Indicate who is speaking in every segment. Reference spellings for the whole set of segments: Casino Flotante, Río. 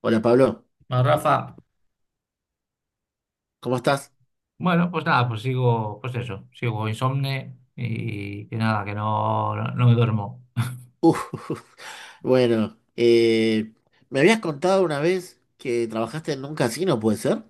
Speaker 1: Hola Pablo,
Speaker 2: Bueno, Rafa,
Speaker 1: ¿cómo estás?
Speaker 2: bueno, pues nada, pues sigo, pues eso, sigo insomne y que nada, que no, no, no me duermo.
Speaker 1: Uf, bueno, me habías contado una vez que trabajaste en un casino, ¿puede ser?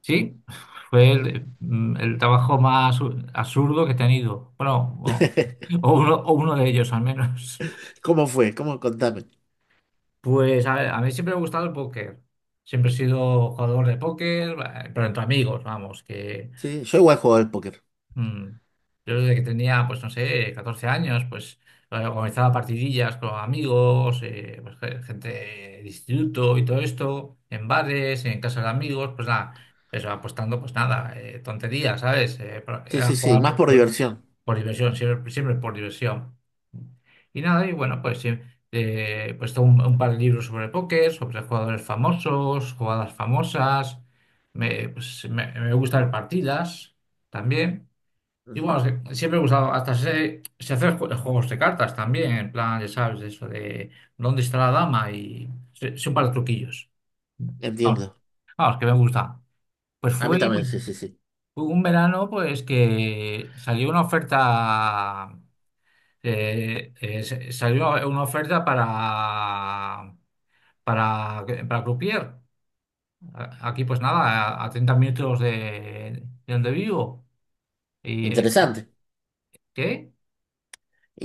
Speaker 2: Sí, fue el trabajo más absurdo que he tenido. Bueno, o, o uno, o uno de ellos al menos.
Speaker 1: ¿Cómo fue? ¿Cómo? Contame.
Speaker 2: Pues a ver, a mí siempre me ha gustado el póker. Siempre he sido jugador de póker, pero entre amigos, vamos, que
Speaker 1: Sí, yo igual juego al póker.
Speaker 2: Mm. Yo desde que tenía, pues no sé, 14 años, pues organizaba partidillas con amigos, pues, gente de instituto y todo esto, en bares, en casas de amigos, pues nada, eso apostando, pues nada, tonterías, ¿sabes?
Speaker 1: Sí,
Speaker 2: Era
Speaker 1: sí, sí,
Speaker 2: jugar
Speaker 1: más
Speaker 2: por,
Speaker 1: por
Speaker 2: por-
Speaker 1: diversión.
Speaker 2: por diversión, siempre, siempre por diversión. Y nada, y bueno, pues sí, pues tengo un par de libros sobre póker, sobre jugadores famosos, jugadas famosas, pues, me gusta ver partidas también. Y
Speaker 1: Ujú.
Speaker 2: bueno, siempre he usado, hasta se hacen juegos de cartas también, en plan, ya sabes, eso de dónde está la dama y son para truquillos. Vamos,
Speaker 1: Entiendo.
Speaker 2: vamos, que me gusta. Pues
Speaker 1: A mí también,
Speaker 2: pues,
Speaker 1: sí, sí, sí.
Speaker 2: fue un verano pues que salió una oferta, salió una oferta para, para Croupier. Aquí pues nada, a 30 minutos de donde vivo. ¿Y
Speaker 1: Interesante.
Speaker 2: qué?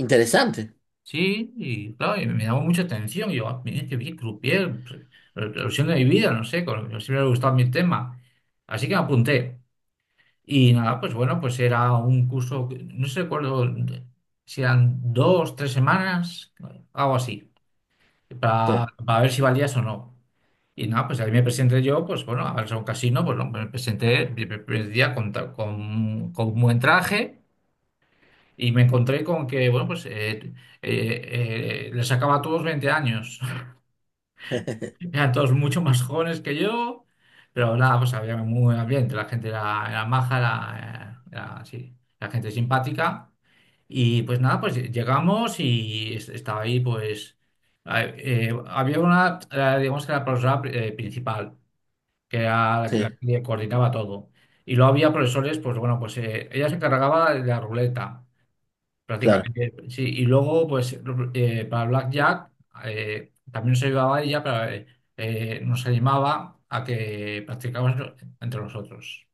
Speaker 1: Interesante.
Speaker 2: Sí, y claro, y me llamó mucha atención. Y yo, mira, que bien croupier, revolución de mi vida, no sé, siempre me ha gustado mi tema. Así que me apunté. Y nada, pues bueno, pues era un curso, no sé recuerdo si eran dos, tres semanas, algo así,
Speaker 1: Sí.
Speaker 2: para ver si valías o no. Y nada, pues ahí me presenté yo, pues bueno, a ver, a un casino, pues no, me presenté el primer día con un buen traje. Y me encontré con que, bueno, pues les sacaba a todos 20 años. Eran todos mucho más jóvenes que yo, pero nada, pues había muy buen ambiente. La gente era maja, era sí, la gente simpática. Y pues nada, pues llegamos y estaba ahí, pues había una, digamos que era la profesora principal, que era la
Speaker 1: Sí,
Speaker 2: que coordinaba todo. Y luego había profesores, pues bueno, pues ella se encargaba de la ruleta.
Speaker 1: claro.
Speaker 2: Prácticamente, sí. Y luego, pues, para Blackjack también se llevaba ella, pero nos animaba a que practicáramos entre nosotros.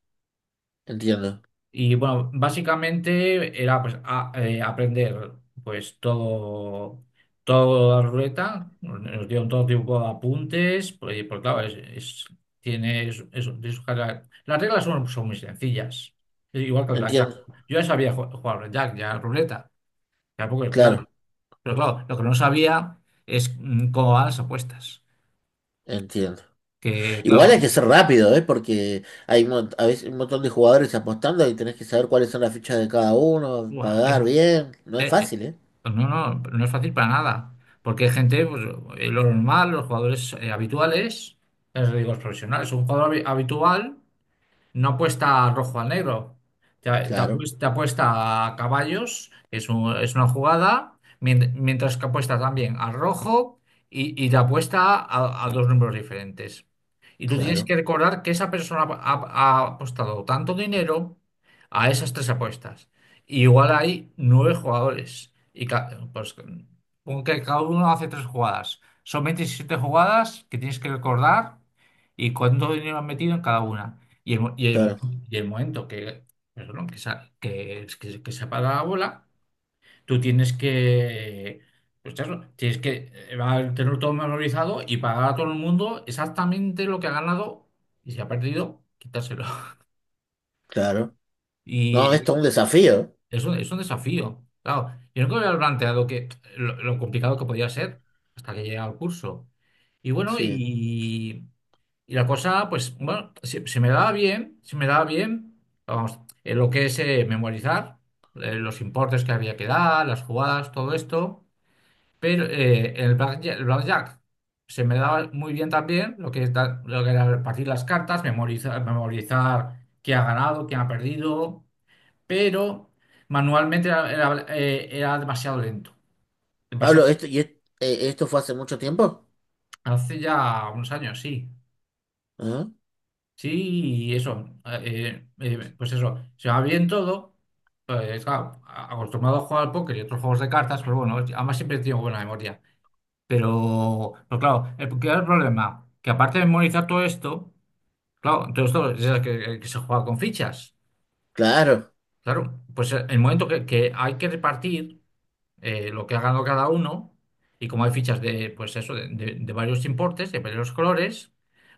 Speaker 1: Entiendo.
Speaker 2: Y bueno, básicamente era pues aprender pues todo, la ruleta, nos dieron todo tipo de apuntes, pues, porque claro, tiene tiene sus características. Las reglas son muy sencillas. Es igual que el Blackjack.
Speaker 1: Entiendo.
Speaker 2: Yo ya sabía jugar al Blackjack, ya a la ruleta. Tampoco, es claro.
Speaker 1: Claro.
Speaker 2: Pero claro, lo que no sabía es cómo van las apuestas.
Speaker 1: Entiendo.
Speaker 2: Que,
Speaker 1: Igual
Speaker 2: claro,
Speaker 1: hay que ser rápido, ¿eh? Porque hay un a veces un montón de jugadores apostando y tenés que saber cuáles son las fichas de cada uno,
Speaker 2: buah, es-
Speaker 1: pagar bien. No es
Speaker 2: eh, eh,
Speaker 1: fácil, ¿eh?
Speaker 2: pues no, no, no es fácil para nada. Porque hay gente, pues, lo normal, los jugadores habituales, ya os digo, los profesionales, un jugador habitual. No apuesta rojo al negro. Te, te
Speaker 1: Claro,
Speaker 2: apues- te apuesta, a caballos, que es una jugada, mientras que apuesta también al rojo y te apuesta a dos números diferentes. Y tú tienes
Speaker 1: claro,
Speaker 2: que recordar que esa persona ha apostado tanto dinero a esas tres apuestas. Y igual hay nueve jugadores. Y pues, pon que cada uno hace tres jugadas. Son 27 jugadas que tienes que recordar y cuánto dinero han metido en cada una. Y el, mo- y el, mo-
Speaker 1: claro,
Speaker 2: y el momento que, perdón, que, se ha- que se apaga la bola, tú tienes que, pues eso, tienes que va a tener todo memorizado y pagar a todo el mundo exactamente lo que ha ganado y si ha perdido, quitárselo.
Speaker 1: claro. No,
Speaker 2: Y
Speaker 1: esto es un desafío, ¿eh?
Speaker 2: es un desafío. Claro, yo nunca me había planteado que, lo complicado que podía ser hasta que llegué al curso. Y bueno,
Speaker 1: Sí.
Speaker 2: y la cosa, pues, bueno, se me daba bien, vamos, lo que es memorizar, los importes que había que dar, las jugadas, todo esto, pero el blackjack se me daba muy bien también, lo que, lo que era repartir las cartas, memorizar, memorizar quién ha ganado, quién ha perdido, pero manualmente era demasiado lento,
Speaker 1: Pablo,
Speaker 2: demasiado,
Speaker 1: esto, ¿esto fue hace mucho tiempo?
Speaker 2: hace ya unos años, sí.
Speaker 1: Ajá.
Speaker 2: Sí, y eso, pues eso, se va bien todo. Claro, acostumbrado a jugar al póker y otros juegos de cartas, pero bueno, además siempre he tenido buena memoria. Pero claro, ¿qué era el problema? Que aparte de memorizar todo esto, claro, todo esto es que se juega con fichas.
Speaker 1: Claro,
Speaker 2: Claro, pues el momento que hay que repartir lo que ha ganado cada uno, y como hay fichas de, pues eso, de varios importes, de varios colores,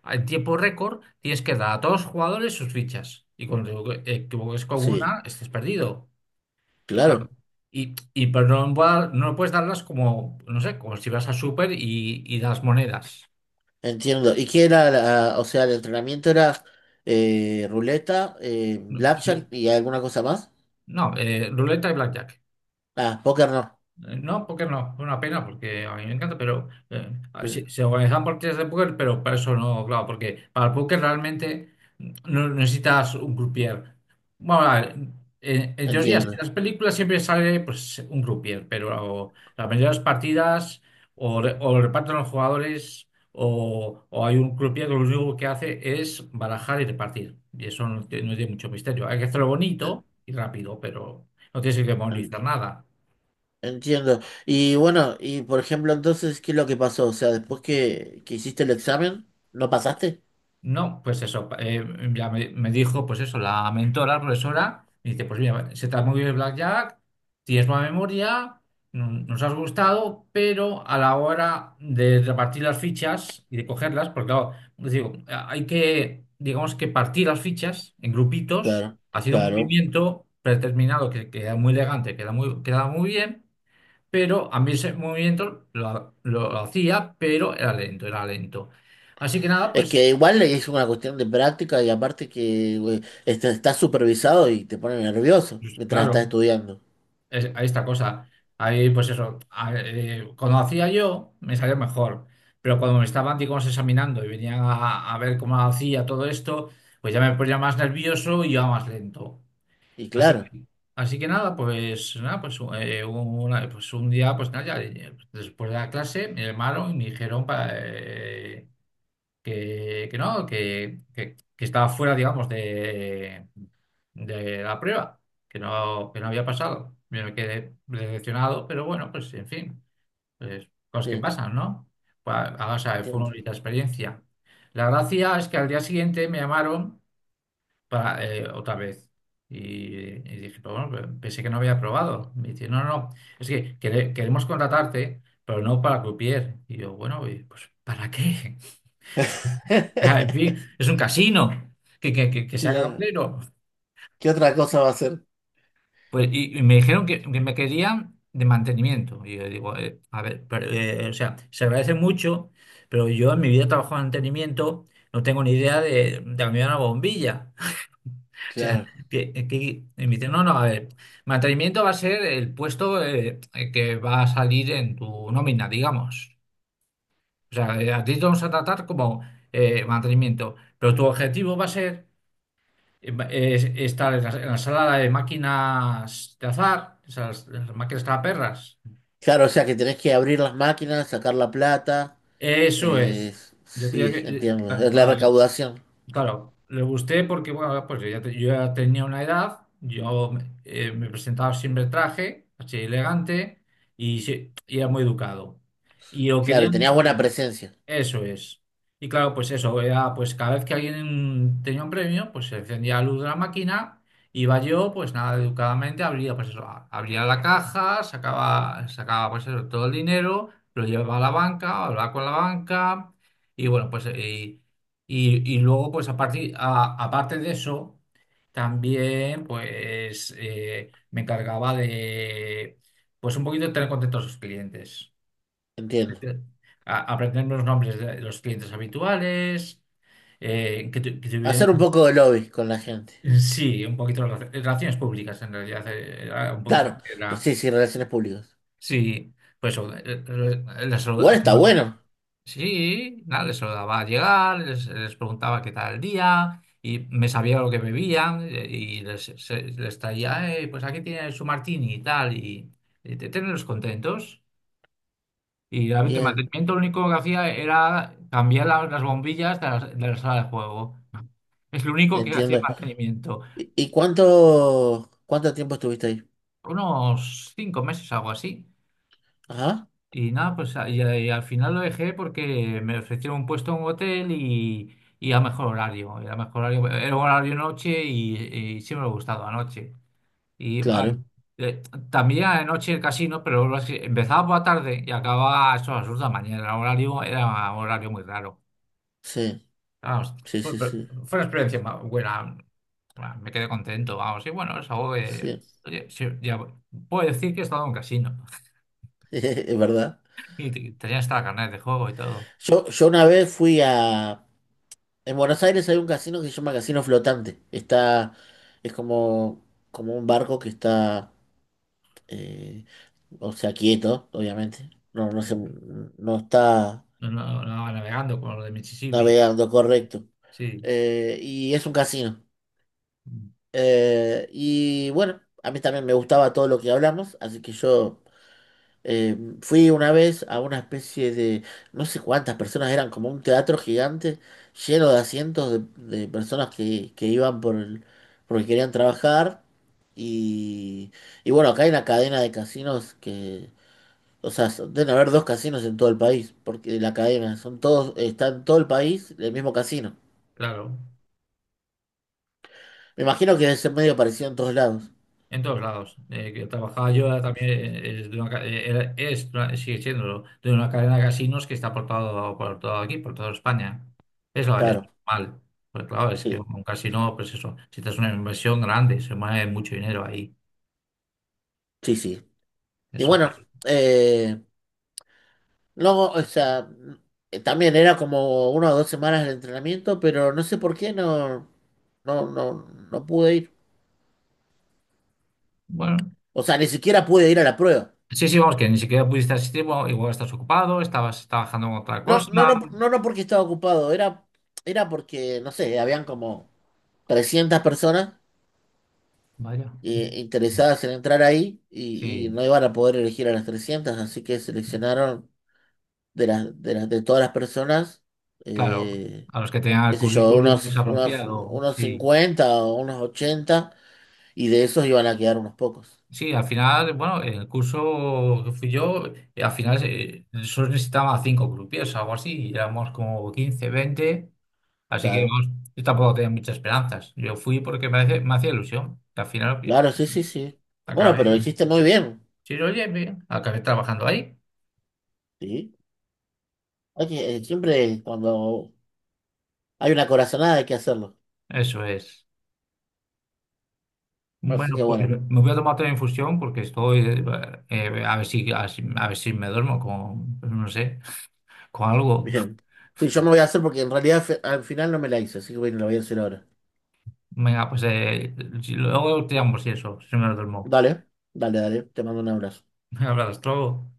Speaker 2: en tiempo récord tienes que dar a todos los jugadores sus fichas. Y cuando te equivoques con
Speaker 1: sí,
Speaker 2: una, estés perdido. Y claro.
Speaker 1: claro.
Speaker 2: Y pero no, no puedes darlas como, no sé, como si vas a super y, das monedas.
Speaker 1: Entiendo. ¿Y qué era o sea, el entrenamiento era ruleta, blackjack y alguna cosa más?
Speaker 2: No, ruleta y blackjack.
Speaker 1: Ah, póker no.
Speaker 2: No, porque no, es una pena, porque a mí me encanta, pero
Speaker 1: Sí.
Speaker 2: sí, se organizan partidas de póker, pero para eso no, claro, porque para el póker realmente no necesitas un croupier. Bueno, a ver, en teoría, si en
Speaker 1: Entiendo.
Speaker 2: las películas siempre sale pues, un croupier, pero la mayoría de las partidas o lo reparten los jugadores o hay un croupier que lo único que hace es barajar y repartir. Y eso no, tiene mucho misterio. Hay que hacerlo bonito y rápido, pero no tienes que memorizar nada.
Speaker 1: Entiendo. Y bueno, y por ejemplo, entonces, ¿qué es lo que pasó? O sea, después que hiciste el examen, ¿no pasaste?
Speaker 2: No, pues eso, ya me dijo, pues eso, la mentora, la profesora, me dice, pues mira, se te ha movido el blackjack, tienes buena memoria, nos has gustado, pero a la hora de repartir las fichas y de cogerlas, porque claro, os digo, hay que, digamos que partir las fichas en grupitos,
Speaker 1: Claro,
Speaker 2: haciendo un
Speaker 1: claro.
Speaker 2: movimiento predeterminado que queda muy elegante, queda muy bien, pero a mí ese movimiento lo hacía, pero era lento, era lento. Así que nada,
Speaker 1: Es
Speaker 2: pues
Speaker 1: que igual es una cuestión de práctica y aparte que güey, este, estás supervisado y te pone nervioso
Speaker 2: Pues,
Speaker 1: mientras estás
Speaker 2: claro,
Speaker 1: estudiando.
Speaker 2: hay esta cosa. Ahí, pues eso, cuando hacía yo, me salía mejor. Pero cuando me estaban, digamos, examinando y venían a ver cómo hacía todo esto, pues ya me ponía más nervioso y ya más lento.
Speaker 1: Y
Speaker 2: Así
Speaker 1: claro,
Speaker 2: que, así que nada, pues nada, pues, pues un día, pues nada, ya, después de la clase me llamaron y me dijeron para, que no, que estaba fuera, digamos, de la prueba, que no había pasado. Yo me quedé decepcionado, pero bueno, pues en fin, pues, cosas que
Speaker 1: sí,
Speaker 2: pasan, ¿no? Pues, o sea, fue una
Speaker 1: entiendo.
Speaker 2: bonita experiencia. La gracia es que al día siguiente me llamaron para, otra vez. Y dije, pues bueno, pensé que no había probado. Me dice, no, no, no, es que queremos contratarte, pero no para croupier. Y yo, bueno, pues ¿para qué? En fin, es un casino, que sea
Speaker 1: Claro.
Speaker 2: cabrero.
Speaker 1: ¿Qué otra cosa va a ser?
Speaker 2: Pues, y me dijeron que, me querían de mantenimiento. Y yo digo, a ver, pero, o sea, se agradece mucho, pero yo en mi vida he trabajado en mantenimiento, no tengo ni idea de cambiar una bombilla. O sea,
Speaker 1: Claro.
Speaker 2: que, que- y me dicen, no, no, a ver, mantenimiento va a ser el puesto que va a salir en tu nómina, digamos. O sea, a ti te vamos a tratar como mantenimiento, pero tu objetivo va a ser. Está en la sala de máquinas de azar, esas las máquinas tragaperras.
Speaker 1: Claro, o sea que tenés que abrir las máquinas, sacar la plata.
Speaker 2: Eso
Speaker 1: eh,
Speaker 2: es. Yo tenía
Speaker 1: sí,
Speaker 2: que,
Speaker 1: entiendo. Es la
Speaker 2: claro,
Speaker 1: recaudación.
Speaker 2: claro, le gusté porque, bueno, pues yo ya, yo ya tenía una edad, yo me presentaba siempre en traje, así elegante y, y era muy educado. Y lo
Speaker 1: Claro, y
Speaker 2: querían.
Speaker 1: tenías buena presencia.
Speaker 2: Eso es. Y claro, pues eso, era, pues cada vez que alguien tenía un premio, pues se encendía la luz de la máquina, iba yo, pues nada, educadamente abría, pues eso, abría la caja, sacaba pues eso, todo el dinero, lo llevaba a la banca, hablaba con la banca, y bueno, pues y luego, pues aparte de eso, también pues me encargaba de pues un poquito de tener contentos a sus clientes,
Speaker 1: Entiendo.
Speaker 2: aprender los nombres de los clientes habituales, que, que tuvieran,
Speaker 1: Hacer un poco de lobby con la gente.
Speaker 2: sí, un poquito de relaciones públicas en realidad, era un poquito
Speaker 1: Claro,
Speaker 2: lo que
Speaker 1: no
Speaker 2: era,
Speaker 1: sé si relaciones públicas.
Speaker 2: sí, pues eso,
Speaker 1: Igual está bueno.
Speaker 2: sí, nada, les saludaba al llegar, les preguntaba qué tal el día. Y me sabía lo que bebían, y les traía, pues aquí tiene su martini y tal", y, tenerlos contentos. Y el
Speaker 1: Bien,
Speaker 2: mantenimiento lo único que hacía era cambiar las bombillas de la, sala de juego. Es lo único que hacía
Speaker 1: entiendo.
Speaker 2: mantenimiento.
Speaker 1: Y cuánto, cuánto tiempo estuviste ahí?
Speaker 2: Unos 5 meses, algo así.
Speaker 1: Ajá,
Speaker 2: Y nada, pues y al final lo dejé porque me ofrecieron un puesto en un hotel y, a mejor horario. Era mejor horario, era horario noche y siempre me ha gustado anoche. Y
Speaker 1: claro.
Speaker 2: eh, también anoche el casino, pero empezaba por la tarde y acababa a eso, a las 2 de la mañana. El horario era un horario muy raro.
Speaker 1: Sí,
Speaker 2: Vamos,
Speaker 1: sí,
Speaker 2: fue,
Speaker 1: sí, sí.
Speaker 2: fue una experiencia buena. Bueno, me quedé contento, vamos. Y bueno, es algo que.
Speaker 1: Sí,
Speaker 2: Oye, sí, ya puedo decir que he estado en un casino.
Speaker 1: es verdad.
Speaker 2: Y tenía hasta la carnet de juego y todo.
Speaker 1: Yo una vez fui a... En Buenos Aires hay un casino que se llama Casino Flotante. Está... Es como, como un barco que está... eh, o sea, quieto, obviamente. No, no se,
Speaker 2: Mm.
Speaker 1: no está.
Speaker 2: No, no, no, navegando con lo de Mississippi.
Speaker 1: Navegando, correcto.
Speaker 2: Sí,
Speaker 1: Y es un casino.
Speaker 2: mm,
Speaker 1: Y bueno, a mí también me gustaba todo lo que hablamos, así que yo, eh, fui una vez a una especie de, no sé cuántas personas eran, como un teatro gigante lleno de asientos de personas que iban por el, porque querían trabajar. Y, y bueno, acá hay una cadena de casinos que, o sea, deben haber dos casinos en todo el país, porque la cadena, son todos, está en todo el país el mismo casino.
Speaker 2: claro.
Speaker 1: Me imagino que debe ser medio parecido en todos lados.
Speaker 2: En todos lados. Que trabajaba
Speaker 1: Sí.
Speaker 2: yo también, es, de una ca- era- es una- sigue siendo de una cadena de casinos que está por todo aquí, por toda España. Es
Speaker 1: Claro,
Speaker 2: normal. Pues claro, es que
Speaker 1: sí,
Speaker 2: un casino, pues eso, si te es una inversión grande, se mueve mucho dinero ahí.
Speaker 1: sí, sí. Y
Speaker 2: Eso.
Speaker 1: bueno, eh, luego, o sea, también era como una o dos semanas de entrenamiento, pero no sé por qué no, no, no, no pude ir.
Speaker 2: Bueno.
Speaker 1: O sea, ni siquiera pude ir a la prueba.
Speaker 2: Sí, sí, vamos, que ni siquiera pudiste asistir, bueno, igual estás ocupado, estabas trabajando en otra
Speaker 1: No, no,
Speaker 2: cosa.
Speaker 1: no, no, no porque estaba ocupado, era, era porque, no sé, habían como 300 personas
Speaker 2: Vaya.
Speaker 1: interesadas en entrar ahí y
Speaker 2: Sí,
Speaker 1: no iban a poder elegir a las 300, así que seleccionaron de las de las de todas las personas,
Speaker 2: claro.
Speaker 1: eh,
Speaker 2: A los que tengan el
Speaker 1: qué sé yo,
Speaker 2: currículum pues, apropiado,
Speaker 1: unos
Speaker 2: sí.
Speaker 1: 50 o unos 80 y de esos iban a quedar unos pocos.
Speaker 2: Sí, al final, bueno, en el curso que fui yo, al final solo necesitaba cinco grupos o algo así, y éramos como 15, 20, así que
Speaker 1: Claro,
Speaker 2: vamos, yo tampoco tenía muchas esperanzas. Yo fui porque me hacía ilusión, que al final oye,
Speaker 1: claro, sí, sí, sí. Bueno,
Speaker 2: acabé,
Speaker 1: pero lo hiciste muy bien,
Speaker 2: sí, oye, bien, acabé trabajando ahí.
Speaker 1: ¿sí? Siempre cuando hay una corazonada hay que hacerlo.
Speaker 2: Eso es.
Speaker 1: Así que
Speaker 2: Bueno, pues
Speaker 1: bueno,
Speaker 2: me voy a tomar otra infusión porque estoy, a ver si, a ver si me duermo con, no sé, con algo.
Speaker 1: bien. Sí, yo me voy a hacer porque en realidad al final no me la hice, así que bueno, la voy a hacer ahora.
Speaker 2: Venga, pues luego te llamo si eso, si me duermo.
Speaker 1: Dale, dale, dale, te mando un abrazo.
Speaker 2: Un abrazo.